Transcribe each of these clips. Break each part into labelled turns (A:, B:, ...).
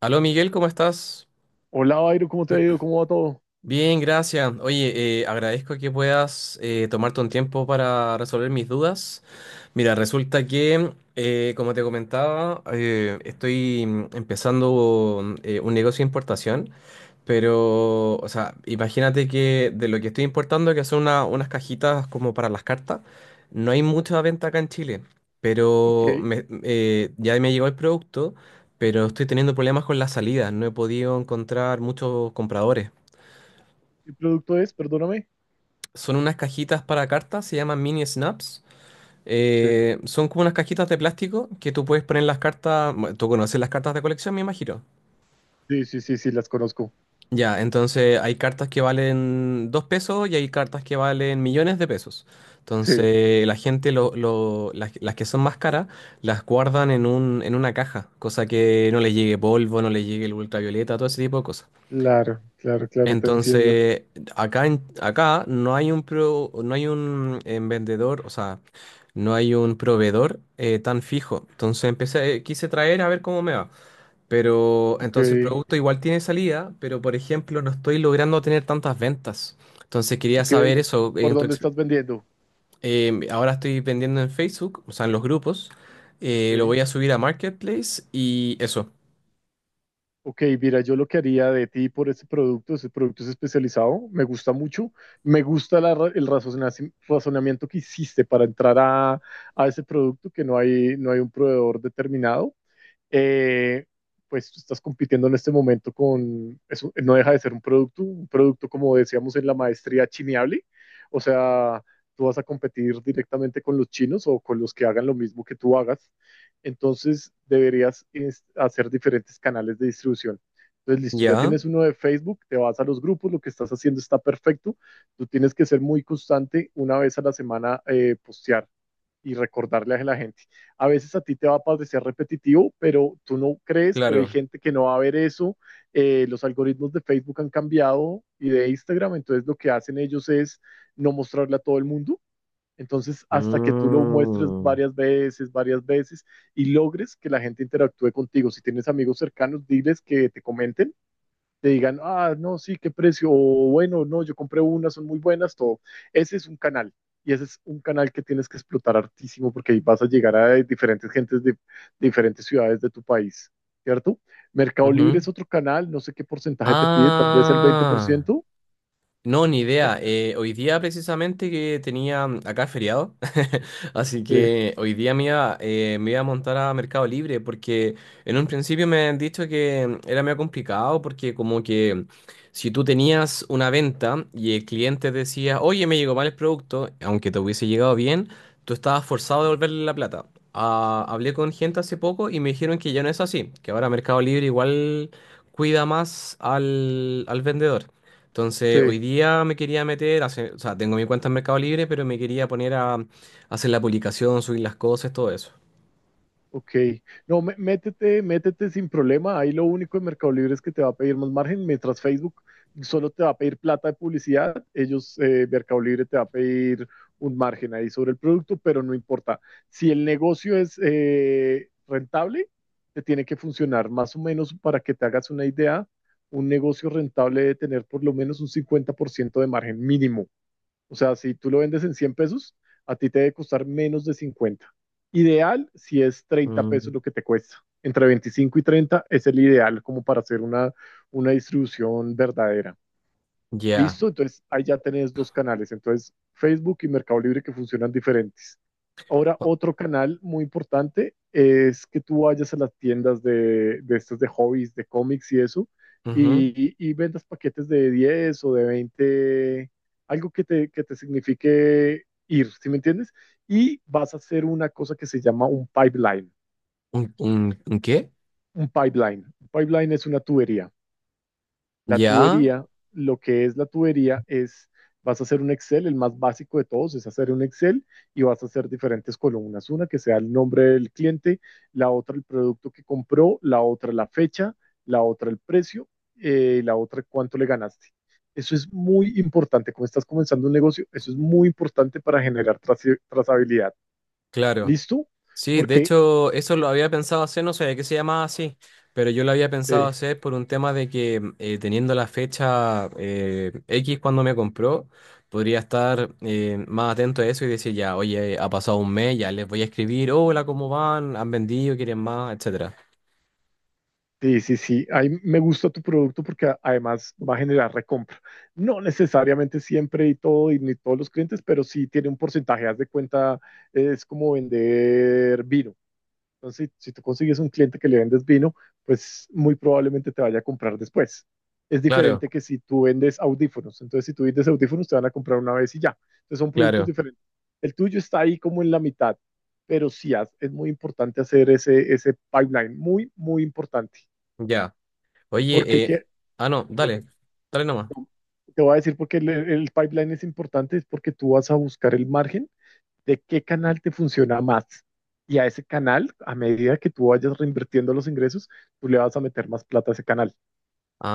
A: Aló Miguel, ¿cómo estás?
B: Hola, Bayro, ¿cómo te ha ido? ¿Cómo va todo?
A: Bien, gracias. Oye, agradezco que puedas tomarte un tiempo para resolver mis dudas. Mira, resulta que, como te comentaba, estoy empezando un negocio de importación. Pero, o sea, imagínate que de lo que estoy importando, que son unas cajitas como para las cartas, no hay mucha venta acá en Chile.
B: Ok,
A: Pero
B: ¿qué
A: ya me llegó el producto, pero estoy teniendo problemas con las salidas. No he podido encontrar muchos compradores.
B: producto es? Perdóname.
A: Son unas cajitas para cartas, se llaman mini snaps.
B: Sí,
A: Son como unas cajitas de plástico que tú puedes poner las cartas. Bueno, tú conoces las cartas de colección, me imagino.
B: sí, sí, sí, sí, las conozco.
A: Ya, entonces hay cartas que valen 2 pesos y hay cartas que valen millones de pesos.
B: Sí,
A: Entonces la gente, las que son más caras, las guardan en en una caja, cosa que no les llegue polvo, no les llegue el ultravioleta, todo ese tipo de cosas.
B: claro, claro, claro, te entiendo.
A: Entonces, acá, acá no hay un vendedor, o sea, no hay un proveedor tan fijo. Entonces empecé, quise traer a ver cómo me va. Pero
B: Ok,
A: entonces el producto igual tiene salida, pero por ejemplo no estoy logrando tener tantas ventas. Entonces quería
B: ok,
A: saber eso.
B: ¿por dónde estás vendiendo?
A: Ahora estoy vendiendo en Facebook, o sea, en los grupos. Lo
B: Sí.
A: voy a subir a Marketplace y eso.
B: Ok, mira, yo lo que haría de ti por ese producto es especializado, me gusta mucho, me gusta el razonamiento que hiciste para entrar a ese producto, que no hay un proveedor determinado. eh, pues tú estás compitiendo en este momento eso no deja de ser un producto como decíamos en la maestría chineable, o sea, tú vas a competir directamente con los chinos o con los que hagan lo mismo que tú hagas, entonces deberías hacer diferentes canales de distribución. Entonces, listo, ya
A: Ya,
B: tienes uno de Facebook, te vas a los grupos, lo que estás haciendo está perfecto. Tú tienes que ser muy constante, una vez a la semana postear y recordarle a la gente. A veces a ti te va a parecer repetitivo, pero tú no crees, pero hay
A: claro.
B: gente que no va a ver eso. Los algoritmos de Facebook han cambiado y de Instagram, entonces lo que hacen ellos es no mostrarle a todo el mundo. Entonces, hasta que tú lo muestres
A: Mm,
B: varias veces y logres que la gente interactúe contigo. Si tienes amigos cercanos, diles que te comenten te digan, ah, no, sí, qué precio, o bueno, no, yo compré unas son muy buenas, todo. Ese es un canal. Y ese es un canal que tienes que explotar hartísimo porque ahí vas a llegar a diferentes gentes de diferentes ciudades de tu país, ¿cierto? Mercado Libre
A: ujú.
B: es otro canal, no sé qué porcentaje te pide, tal vez el
A: Ah.
B: 20%.
A: No, ni
B: Eh,
A: idea. Hoy día precisamente que tenía acá feriado, así
B: Sí,
A: que hoy día me iba a montar a Mercado Libre porque en un principio me han dicho que era medio complicado porque como que si tú tenías una venta y el cliente decía, oye, me llegó mal el producto, aunque te hubiese llegado bien, tú estabas forzado a devolverle la plata. Ah, hablé con gente hace poco y me dijeron que ya no es así, que ahora Mercado Libre igual cuida más al vendedor. Entonces, hoy
B: sí.
A: día me quería meter, o sea, tengo mi cuenta en Mercado Libre, pero me quería poner a hacer la publicación, subir las cosas, todo eso.
B: Ok, no, métete, métete sin problema. Ahí lo único de Mercado Libre es que te va a pedir más margen, mientras Facebook solo te va a pedir plata de publicidad. Ellos, Mercado Libre te va a pedir un margen ahí sobre el producto, pero no importa. Si el negocio es rentable, te tiene que funcionar más o menos para que te hagas una idea. Un negocio rentable debe tener por lo menos un 50% de margen mínimo. O sea, si tú lo vendes en 100 pesos, a ti te debe costar menos de 50. Ideal si es 30
A: Mm,
B: pesos lo que te cuesta. Entre 25 y 30 es el ideal como para hacer una distribución verdadera.
A: ya.
B: Listo, entonces ahí ya tenés dos canales, entonces Facebook y Mercado Libre que funcionan diferentes. Ahora,
A: O-
B: otro canal muy importante es que tú vayas a las tiendas de estas de hobbies, de cómics y eso,
A: Ujú.
B: y vendas paquetes de 10 o de 20, algo que te signifique ir, ¿sí me entiendes? Y vas a hacer una cosa que se llama un pipeline.
A: ¿Un qué?
B: Un pipeline. Un pipeline es una tubería. La
A: Ya,
B: tubería, lo que es la tubería es, vas a hacer un Excel, el más básico de todos es hacer un Excel y vas a hacer diferentes columnas, una que sea el nombre del cliente, la otra el producto que compró, la otra la fecha, la otra el precio, la otra cuánto le ganaste. Eso es muy importante. Como estás comenzando un negocio, eso es muy importante para generar trazabilidad.
A: claro.
B: ¿Listo?
A: Sí, de
B: Porque
A: hecho, eso lo había pensado hacer, no sabía que se llamaba así, pero yo lo había pensado
B: eh,
A: hacer por un tema de que teniendo la fecha X cuando me compró, podría estar más atento a eso y decir ya, oye, ha pasado un mes, ya les voy a escribir, hola, ¿cómo van? ¿Han vendido? ¿Quieren más? Etcétera.
B: Sí, sí, sí. Ahí me gusta tu producto porque además va a generar recompra. No necesariamente siempre y todo, y ni todos los clientes, pero sí tiene un porcentaje. Haz de cuenta, es como vender vino. Entonces, si tú consigues un cliente que le vendes vino, pues muy probablemente te vaya a comprar después. Es
A: Claro,
B: diferente que si tú vendes audífonos. Entonces, si tú vendes audífonos, te van a comprar una vez y ya. Entonces, son productos
A: claro,
B: diferentes. El tuyo está ahí como en la mitad, pero sí es muy importante hacer ese pipeline. Muy, muy importante.
A: ya.
B: Porque
A: Oye,
B: que,
A: ah, no, dale, dale nomás.
B: te voy a decir por qué el pipeline es importante, es porque tú vas a buscar el margen de qué canal te funciona más. Y a ese canal, a medida que tú vayas reinvirtiendo los ingresos, tú le vas a meter más plata a ese canal.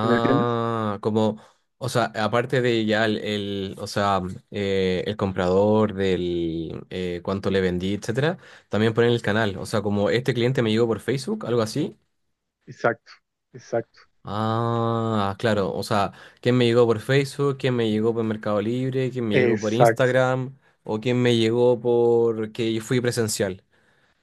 B: ¿Sí? ¿Me entiendes?
A: como, o sea, aparte de ya o sea, el comprador del cuánto le vendí, etcétera, también ponen el canal, o sea, como este cliente me llegó por Facebook, algo así.
B: Exacto, exacto,
A: Ah, claro, o sea, quién me llegó por Facebook, quién me llegó por Mercado Libre, quién me llegó por
B: exacto.
A: Instagram o quién me llegó por que fui presencial.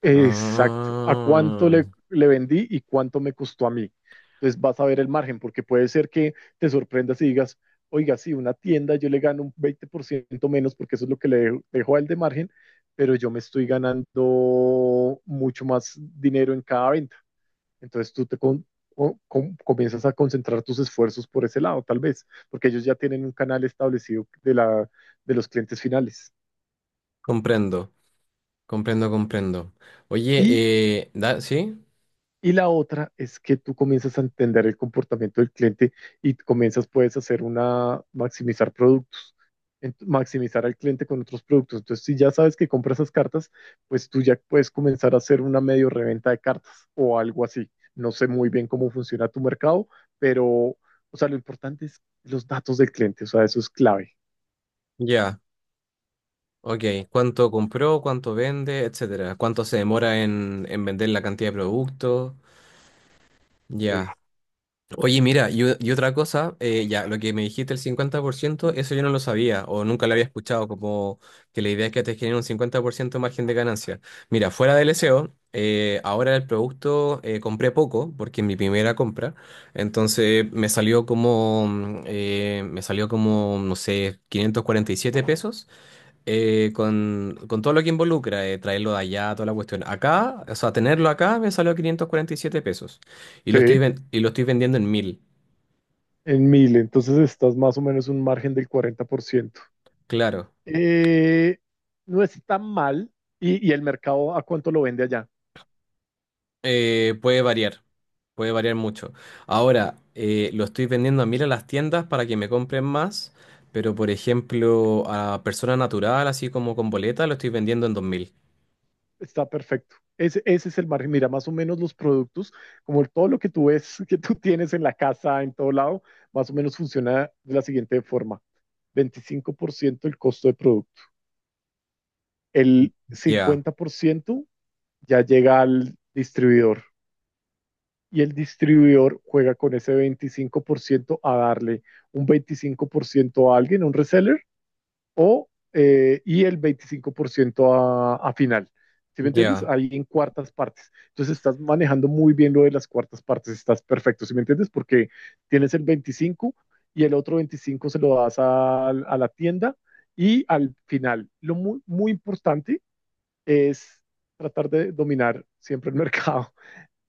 B: Exacto. ¿A cuánto
A: Ah,
B: le vendí y cuánto me costó a mí? Entonces vas a ver el margen, porque puede ser que te sorprendas y digas, oiga, sí, una tienda yo le gano un 20% menos porque eso es lo que le dejo, dejo a él de margen, pero yo me estoy ganando mucho más dinero en cada venta. Entonces tú te con- o- com- comienzas a concentrar tus esfuerzos por ese lado, tal vez, porque ellos ya tienen un canal establecido de los clientes finales.
A: comprendo, comprendo, comprendo. Oye,
B: Y
A: ¿sí?
B: Y la otra es que tú comienzas a entender el comportamiento del cliente y comienzas, puedes hacer maximizar productos, maximizar al cliente con otros productos. Entonces, si ya sabes que compras esas cartas, pues tú ya puedes comenzar a hacer una medio reventa de cartas o algo así. No sé muy bien cómo funciona tu mercado, pero, o sea, lo importante es los datos del cliente, o sea, eso es clave.
A: Ya. Ok, ¿cuánto compró, cuánto vende, etcétera? ¿Cuánto se demora en vender la cantidad de productos?
B: Sí.
A: Ya. Oye, mira, y otra cosa, ya, lo que me dijiste, el 50%, eso yo no lo sabía o nunca lo había escuchado, como que la idea es que te genere un 50% de margen de ganancia. Mira, fuera del SEO, ahora el producto compré poco, porque en mi primera compra, entonces me salió como, no sé, 547 pesos con todo lo que involucra, traerlo de allá, toda la cuestión. Acá, o sea, tenerlo acá me salió 547 pesos.
B: Sí,
A: Y lo estoy vendiendo en 1.000.
B: en mil, entonces estás más o menos un margen del 40%.
A: Claro.
B: Eh, no es tan mal y el mercado a cuánto lo vende allá.
A: Puede variar, puede variar mucho. Ahora, lo estoy vendiendo a 1.000 a las tiendas para que me compren más, pero por ejemplo, a persona natural, así como con boleta, lo estoy vendiendo en 2.000.
B: Está perfecto. Ese es el margen. Mira, más o menos los productos, como todo lo que tú ves, que tú tienes en la casa, en todo lado, más o menos funciona de la siguiente forma. 25% el costo de producto. El
A: Ya,
B: 50% ya llega al distribuidor y el distribuidor juega con ese 25% a darle un 25% a alguien, a un reseller, o, y el 25% a final. ¿Sí me entiendes?
A: ya,
B: Ahí en cuartas partes. Entonces estás manejando muy bien lo de las cuartas partes, estás perfecto, ¿sí me entiendes? Porque tienes el 25 y el otro 25 se lo das a la tienda y al final. Lo muy, muy importante es tratar de dominar siempre el mercado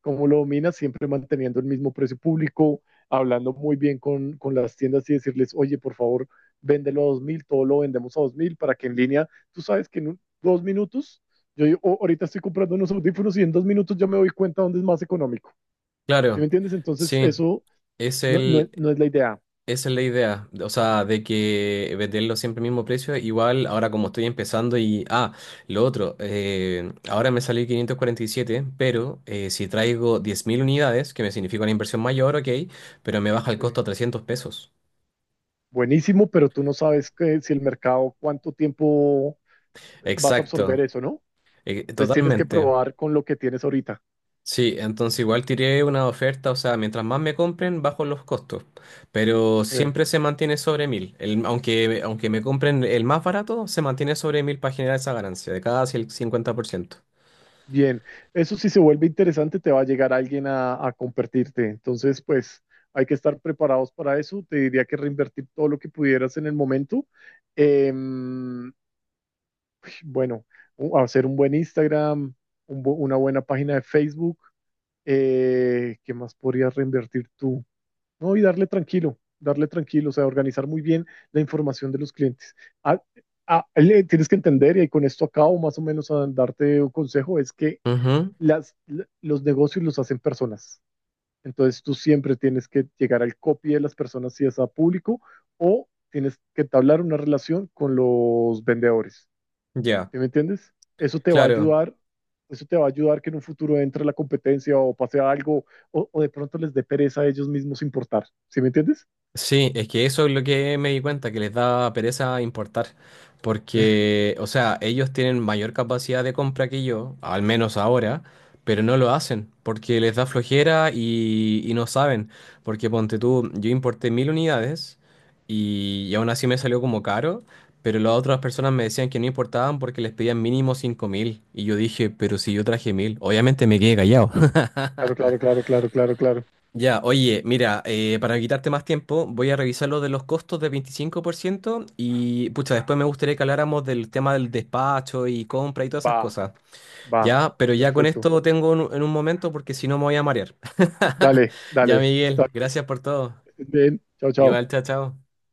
B: cómo lo domina, siempre manteniendo el mismo precio público, hablando muy bien con las tiendas y decirles, oye, por favor, véndelo a 2.000, todo lo vendemos a 2.000, para que en línea, tú sabes que en un, dos minutos, yo oh, ahorita estoy comprando unos audífonos y en 2 minutos ya me doy cuenta dónde es más económico. ¿Sí me
A: claro.
B: entiendes? Entonces,
A: Sí,
B: eso
A: es
B: no, no,
A: el,
B: no es la idea.
A: esa es la idea, o sea, de que venderlo siempre al mismo precio, igual ahora como estoy empezando y... Ah, lo otro, ahora me salió 547, pero si traigo 10.000 unidades, que me significa una inversión mayor, ok, pero me baja el costo
B: Eh,
A: a 300 pesos.
B: Buenísimo, pero tú no sabes que, si el mercado, cuánto tiempo vas a absorber
A: Exacto,
B: eso, ¿no? Entonces tienes que
A: totalmente.
B: probar con lo que tienes ahorita.
A: Sí, entonces igual tiré una oferta, o sea, mientras más me compren, bajo los costos, pero
B: Sí.
A: siempre se mantiene sobre 1.000. Aunque me compren el más barato, se mantiene sobre 1.000 para generar esa ganancia de cada 50%.
B: Bien, eso si se vuelve interesante, te va a llegar alguien a compartirte. Entonces, pues hay que estar preparados para eso. Te diría que reinvertir todo lo que pudieras en el momento. Em, bueno, hacer un buen Instagram, una buena página de Facebook. ¿Qué más podrías reinvertir tú? No, y darle tranquilo, o sea, organizar muy bien la información de los clientes. Ah, ah, tienes que entender, y con esto acabo más o menos a darte un consejo, es que
A: Ujú,
B: los negocios los hacen personas. Entonces tú siempre tienes que llegar al copy de las personas si es a público o tienes que entablar una relación con los vendedores.
A: ya,
B: ¿Sí me entiendes? Eso te va a
A: claro.
B: ayudar, eso te va a ayudar que en un futuro entre la competencia o pase algo o de pronto les dé pereza a ellos mismos importar. ¿Sí me entiendes?
A: Sí, es que eso es lo que me di cuenta, que les da pereza importar, porque, o sea, ellos tienen mayor capacidad de compra que yo, al menos ahora, pero no lo hacen, porque les da flojera y no saben, porque ponte tú, yo importé 1.000 unidades y aún así me salió como caro, pero las otras personas me decían que no importaban porque les pedían mínimo 5.000, y yo dije, pero si yo traje 1.000, obviamente me quedé callado.
B: Claro, claro, claro, claro, claro, claro.
A: Ya, oye, mira, para quitarte más tiempo, voy a revisar lo de los costos de 25% y, pucha, después me gustaría que habláramos del tema del despacho y compra y todas
B: Va,
A: esas cosas.
B: va.
A: Ya, pero ya con
B: Perfecto.
A: esto lo tengo en un momento porque si no me voy a marear.
B: Dale,
A: Ya,
B: dale. Está
A: Miguel, gracias por todo.
B: bien. Bien. Chao,
A: Igual,
B: chao.
A: chao, chao.